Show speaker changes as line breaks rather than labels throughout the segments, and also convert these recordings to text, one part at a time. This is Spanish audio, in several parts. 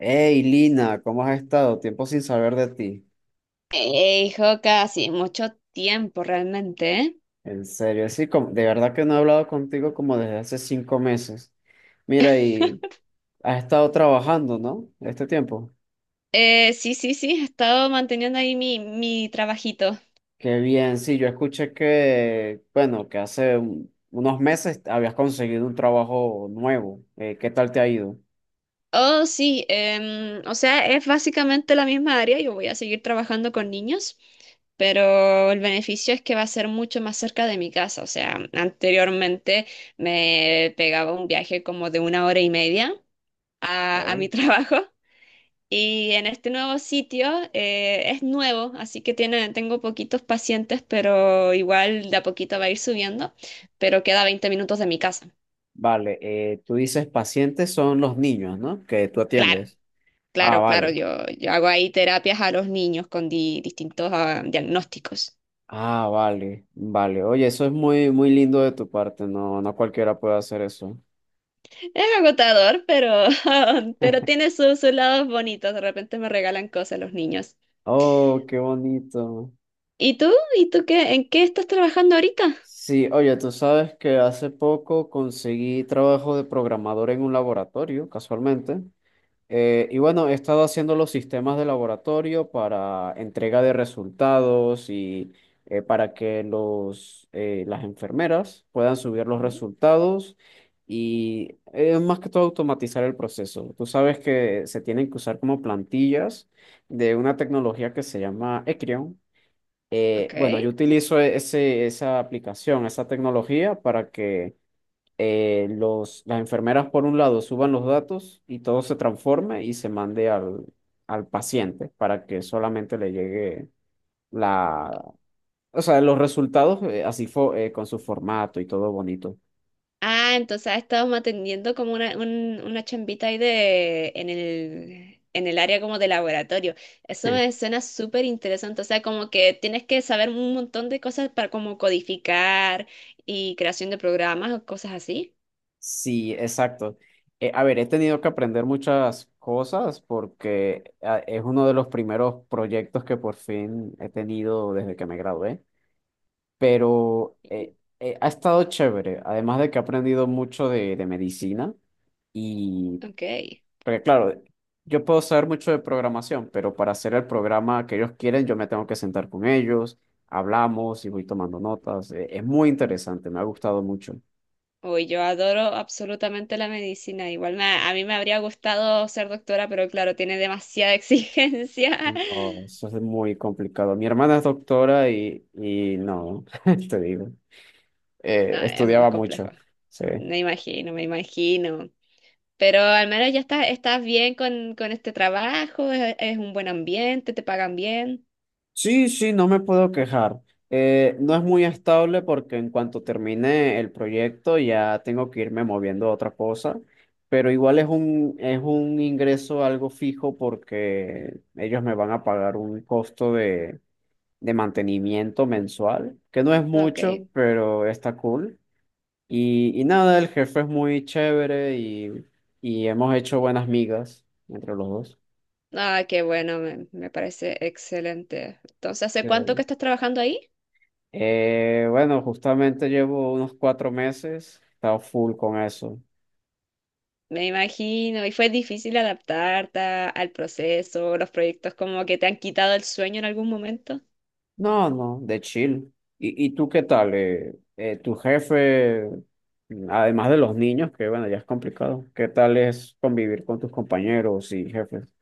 Hey Lina, ¿cómo has estado? Tiempo sin saber de ti.
Hey, Joka, sí, mucho tiempo realmente, ¿eh?
En serio, sí, de verdad que no he hablado contigo como desde hace 5 meses. Mira, y has estado trabajando, ¿no? Este tiempo.
Sí, he estado manteniendo ahí mi trabajito.
Qué bien, sí, yo escuché que, bueno, que hace unos meses habías conseguido un trabajo nuevo. ¿Qué tal te ha ido?
Oh, sí, o sea, es básicamente la misma área, yo voy a seguir trabajando con niños, pero el beneficio es que va a ser mucho más cerca de mi casa, o sea, anteriormente me pegaba un viaje como de 1 hora y media a mi
Ok.
trabajo. Y en este nuevo sitio es nuevo, así que tengo poquitos pacientes, pero igual de a poquito va a ir subiendo, pero queda 20 minutos de mi casa.
Vale, tú dices pacientes son los niños, ¿no? Que tú
Claro,
atiendes. Ah,
claro, claro,
vale.
yo hago ahí terapias a los niños con distintos diagnósticos.
Ah, vale, vale. Oye, eso es muy, muy lindo de tu parte. No, no cualquiera puede hacer eso.
Es agotador, pero pero tiene sus lados bonitos, de repente me regalan cosas los niños.
Oh, qué bonito.
¿Y tú? ¿Y tú qué? ¿En qué estás trabajando ahorita?
Sí, oye, tú sabes que hace poco conseguí trabajo de programador en un laboratorio, casualmente. Y bueno, he estado haciendo los sistemas de laboratorio para entrega de resultados y para que las enfermeras puedan subir los
Ujú.
resultados y más que todo automatizar el proceso. Tú sabes que se tienen que usar como plantillas de una tecnología que se llama Ecrion.
Ok.
Bueno, yo utilizo esa aplicación, esa tecnología para que las enfermeras por un lado suban los datos y todo se transforme y se mande al paciente para que solamente le llegue la, o sea, los resultados así con su formato y todo bonito.
Ah, entonces has atendiendo como una chambita ahí de, en en el área como de laboratorio. Eso me suena súper interesante. O sea, como que tienes que saber un montón de cosas para como codificar y creación de programas o cosas así.
Sí, exacto. A ver, he tenido que aprender muchas cosas porque es uno de los primeros proyectos que por fin he tenido desde que me gradué, pero ha estado chévere, además de que he aprendido mucho de medicina. Y,
Ok.
porque claro, yo puedo saber mucho de programación, pero para hacer el programa que ellos quieren, yo me tengo que sentar con ellos, hablamos y voy tomando notas. Es muy interesante, me ha gustado mucho.
Uy, yo adoro absolutamente la medicina. Igual a mí me habría gustado ser doctora, pero claro, tiene demasiada exigencia.
No, eso es muy complicado. Mi hermana es doctora y no, te digo,
No, es muy
estudiaba mucho.
complejo.
Sí.
Me imagino, me imagino. Pero al menos ya estás bien con este trabajo, es un buen ambiente, te pagan bien.
Sí, sí, no me puedo quejar. No es muy estable porque en cuanto termine el proyecto ya tengo que irme moviendo a otra cosa, pero igual es un ingreso algo fijo porque ellos me van a pagar un costo de mantenimiento mensual, que no es
Ok.
mucho, pero está cool. Y nada, el jefe es muy chévere y hemos hecho buenas migas entre los dos.
Ah, qué bueno, me parece excelente. Entonces, ¿hace cuánto que estás trabajando ahí?
Bueno, justamente llevo unos 4 meses, he estado full con eso.
Me imagino, y fue difícil adaptarte al proceso, los proyectos como que te han quitado el sueño en algún momento.
No, no, de chill. ¿Y tú qué tal? Tu jefe, además de los niños, que bueno, ya es complicado, ¿qué tal es convivir con tus compañeros y jefes?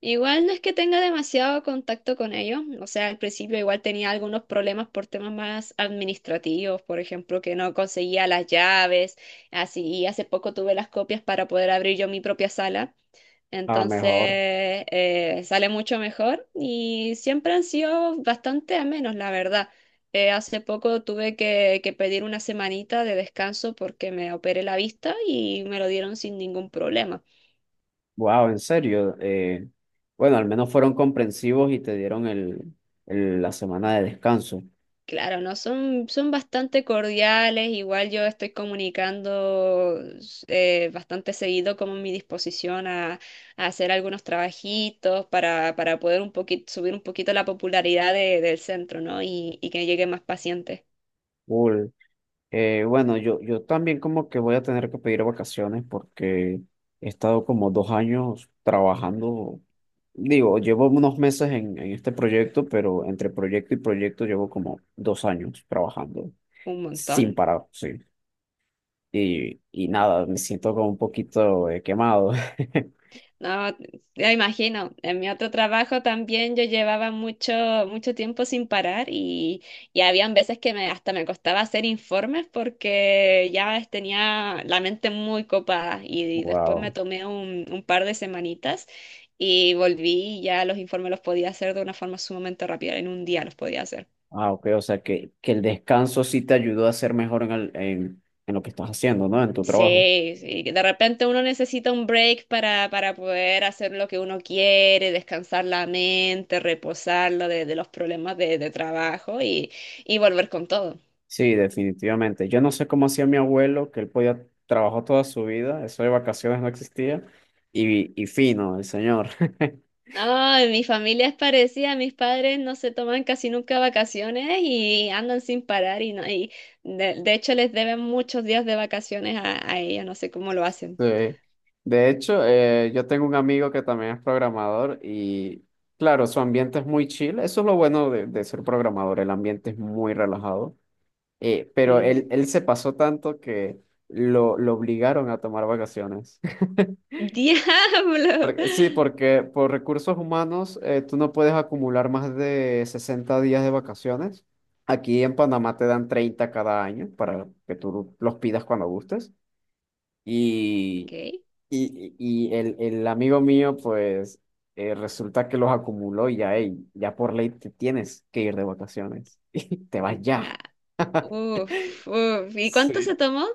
Igual no es que tenga demasiado contacto con ellos, o sea, al principio igual tenía algunos problemas por temas más administrativos, por ejemplo, que no conseguía las llaves, así, y hace poco tuve las copias para poder abrir yo mi propia sala,
Ah,
entonces
mejor.
sale mucho mejor y siempre han sido bastante amenos, la verdad. Hace poco tuve que pedir una semanita de descanso porque me operé la vista y me lo dieron sin ningún problema.
Wow, en serio. Bueno, al menos fueron comprensivos y te dieron la semana de descanso.
Claro, no, son bastante cordiales, igual yo estoy comunicando bastante seguido como mi disposición a hacer algunos trabajitos para poder un poquito, subir un poquito la popularidad del centro, ¿no? Y que lleguen más pacientes,
Cool. Bueno, yo también como que voy a tener que pedir vacaciones porque he estado como 2 años trabajando. Digo, llevo unos meses en este proyecto, pero entre proyecto y proyecto llevo como 2 años trabajando
un
sin
montón.
parar, sí. Y nada, me siento como un poquito quemado.
No, ya imagino. En mi otro trabajo también yo llevaba mucho, mucho tiempo sin parar y habían veces que me, hasta me costaba hacer informes porque ya tenía la mente muy copada y después me
Wow.
tomé un par de semanitas y volví y ya los informes los podía hacer de una forma sumamente rápida. En un día los podía hacer.
Ah, ok, o sea que el descanso sí te ayudó a ser mejor en lo que estás haciendo, ¿no? En tu trabajo.
Sí, sí, que de repente uno necesita un break para poder hacer lo que uno quiere, descansar la mente, reposarlo de los problemas de trabajo y volver con todo.
Sí, definitivamente. Yo no sé cómo hacía mi abuelo, que él podía trabajar toda su vida, eso de vacaciones no existía, y fino, el señor.
Ay, mi familia es parecida, mis padres no se toman casi nunca vacaciones y andan sin parar y, no, y de hecho les deben muchos días de vacaciones a ella, no sé cómo lo hacen.
Sí. De hecho, yo tengo un amigo que también es programador claro, su ambiente es muy chill, eso es lo bueno de ser programador, el ambiente es muy relajado. Pero él,
Ujú.
él se pasó tanto que lo obligaron a tomar vacaciones.
¡Diablo!
Sí, porque por recursos humanos tú no puedes acumular más de 60 días de vacaciones. Aquí en Panamá te dan 30 cada año para que tú los pidas cuando gustes.
Ok.
Y, y el amigo mío, pues resulta que los acumuló y ya, ey, ya por ley te tienes que ir de vacaciones. Y te vas ya.
Ya. Uf, uf. ¿Y cuánto se
Sí.
tomó?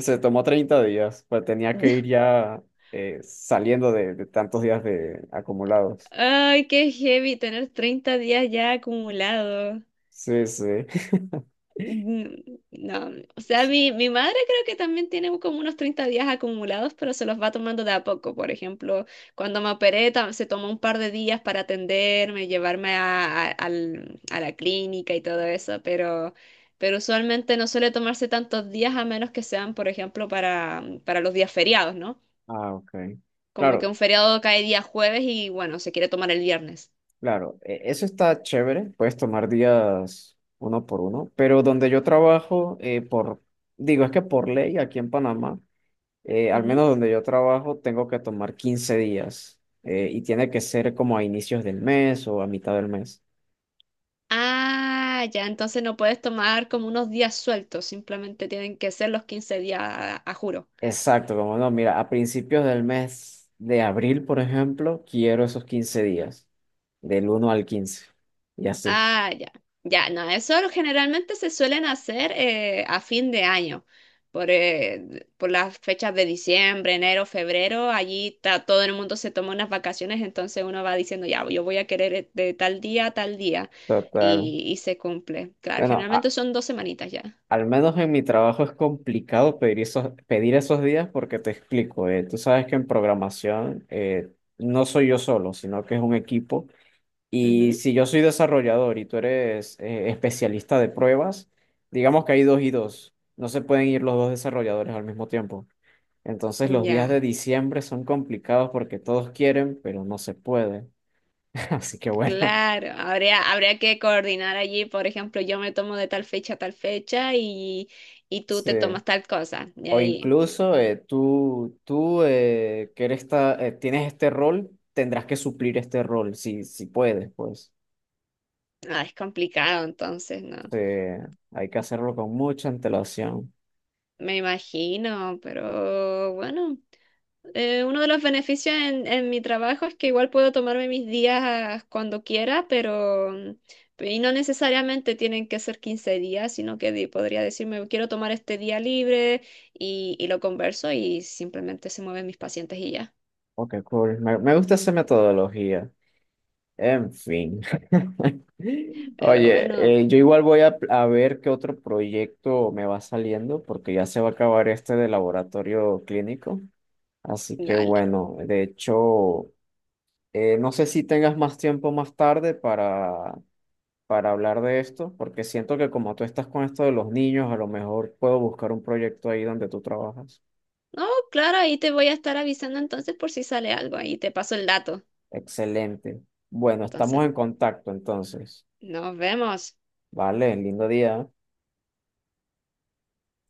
Se tomó 30 días, pues tenía que ir ya saliendo de tantos días de acumulados.
Ay, qué heavy tener 30 días ya acumulados.
Sí, sí.
Mm, No, o sea,
Sí.
mi madre creo que también tiene como unos 30 días acumulados, pero se los va tomando de a poco. Por ejemplo, cuando me operé, se tomó un par de días para atenderme, llevarme a la clínica y todo eso, pero usualmente no suele tomarse tantos días a menos que sean, por ejemplo, para los días feriados, ¿no?
Ah, ok.
Como que
Claro,
un feriado cae día jueves y bueno, se quiere tomar el viernes.
claro. Eso está chévere. Puedes tomar días uno por uno. Pero donde yo trabajo, digo, es que por ley aquí en Panamá, al
Ujú.
menos donde yo trabajo, tengo que tomar 15 días. Y tiene que ser como a inicios del mes o a mitad del mes.
Ah, ya, entonces no puedes tomar como unos días sueltos, simplemente tienen que ser los 15 días a juro.
Exacto, como no, mira, a principios del mes de abril, por ejemplo, quiero esos 15 días, del 1 al 15. Y así.
Ah, ya, ya, no, eso generalmente se suelen hacer a fin de año, por las fechas de diciembre, enero, febrero, allí está, todo el mundo se toma unas vacaciones, entonces uno va diciendo, ya, yo voy a querer de tal día a tal día,
Total.
y se cumple. Claro,
Bueno,
generalmente
a-
son dos semanitas ya.
Al menos en mi trabajo es complicado pedir esos, días porque te explico, tú sabes que en programación no soy yo solo, sino que es un equipo. Y
Ujú.
si yo soy desarrollador y tú eres especialista de pruebas, digamos que hay dos y dos, no se pueden ir los dos desarrolladores al mismo tiempo. Entonces los días de
Ya.
diciembre son complicados porque todos quieren, pero no se puede. Así que bueno,
Claro, habría, habría que coordinar allí, por ejemplo, yo me tomo de tal fecha a tal fecha y tú te
sí.
tomas tal cosa. Y
O
ahí,
incluso tú, tú tienes este rol, tendrás que suplir este rol, si puedes, pues.
ah, es complicado, entonces, ¿no?
Eh, hay que hacerlo con mucha antelación.
Me imagino, pero bueno, uno de los beneficios en mi trabajo es que igual puedo tomarme mis días cuando quiera, pero... Y no necesariamente tienen que ser 15 días, sino que podría decirme, quiero tomar este día libre y lo converso y simplemente se mueven mis pacientes y ya.
Ok, cool. Me gusta esa metodología. En fin.
Pero bueno,
Oye, yo igual voy a ver qué otro proyecto me va saliendo, porque ya se va a acabar este de laboratorio clínico. Así que
dale.
bueno, de hecho, no sé si tengas más tiempo más tarde para hablar de esto, porque siento que como tú estás con esto de los niños, a lo mejor puedo buscar un proyecto ahí donde tú trabajas.
No, claro, ahí te voy a estar avisando entonces por si sale algo. Ahí te paso el dato.
Excelente. Bueno, estamos
Entonces,
en contacto entonces.
nos vemos.
Vale, lindo día.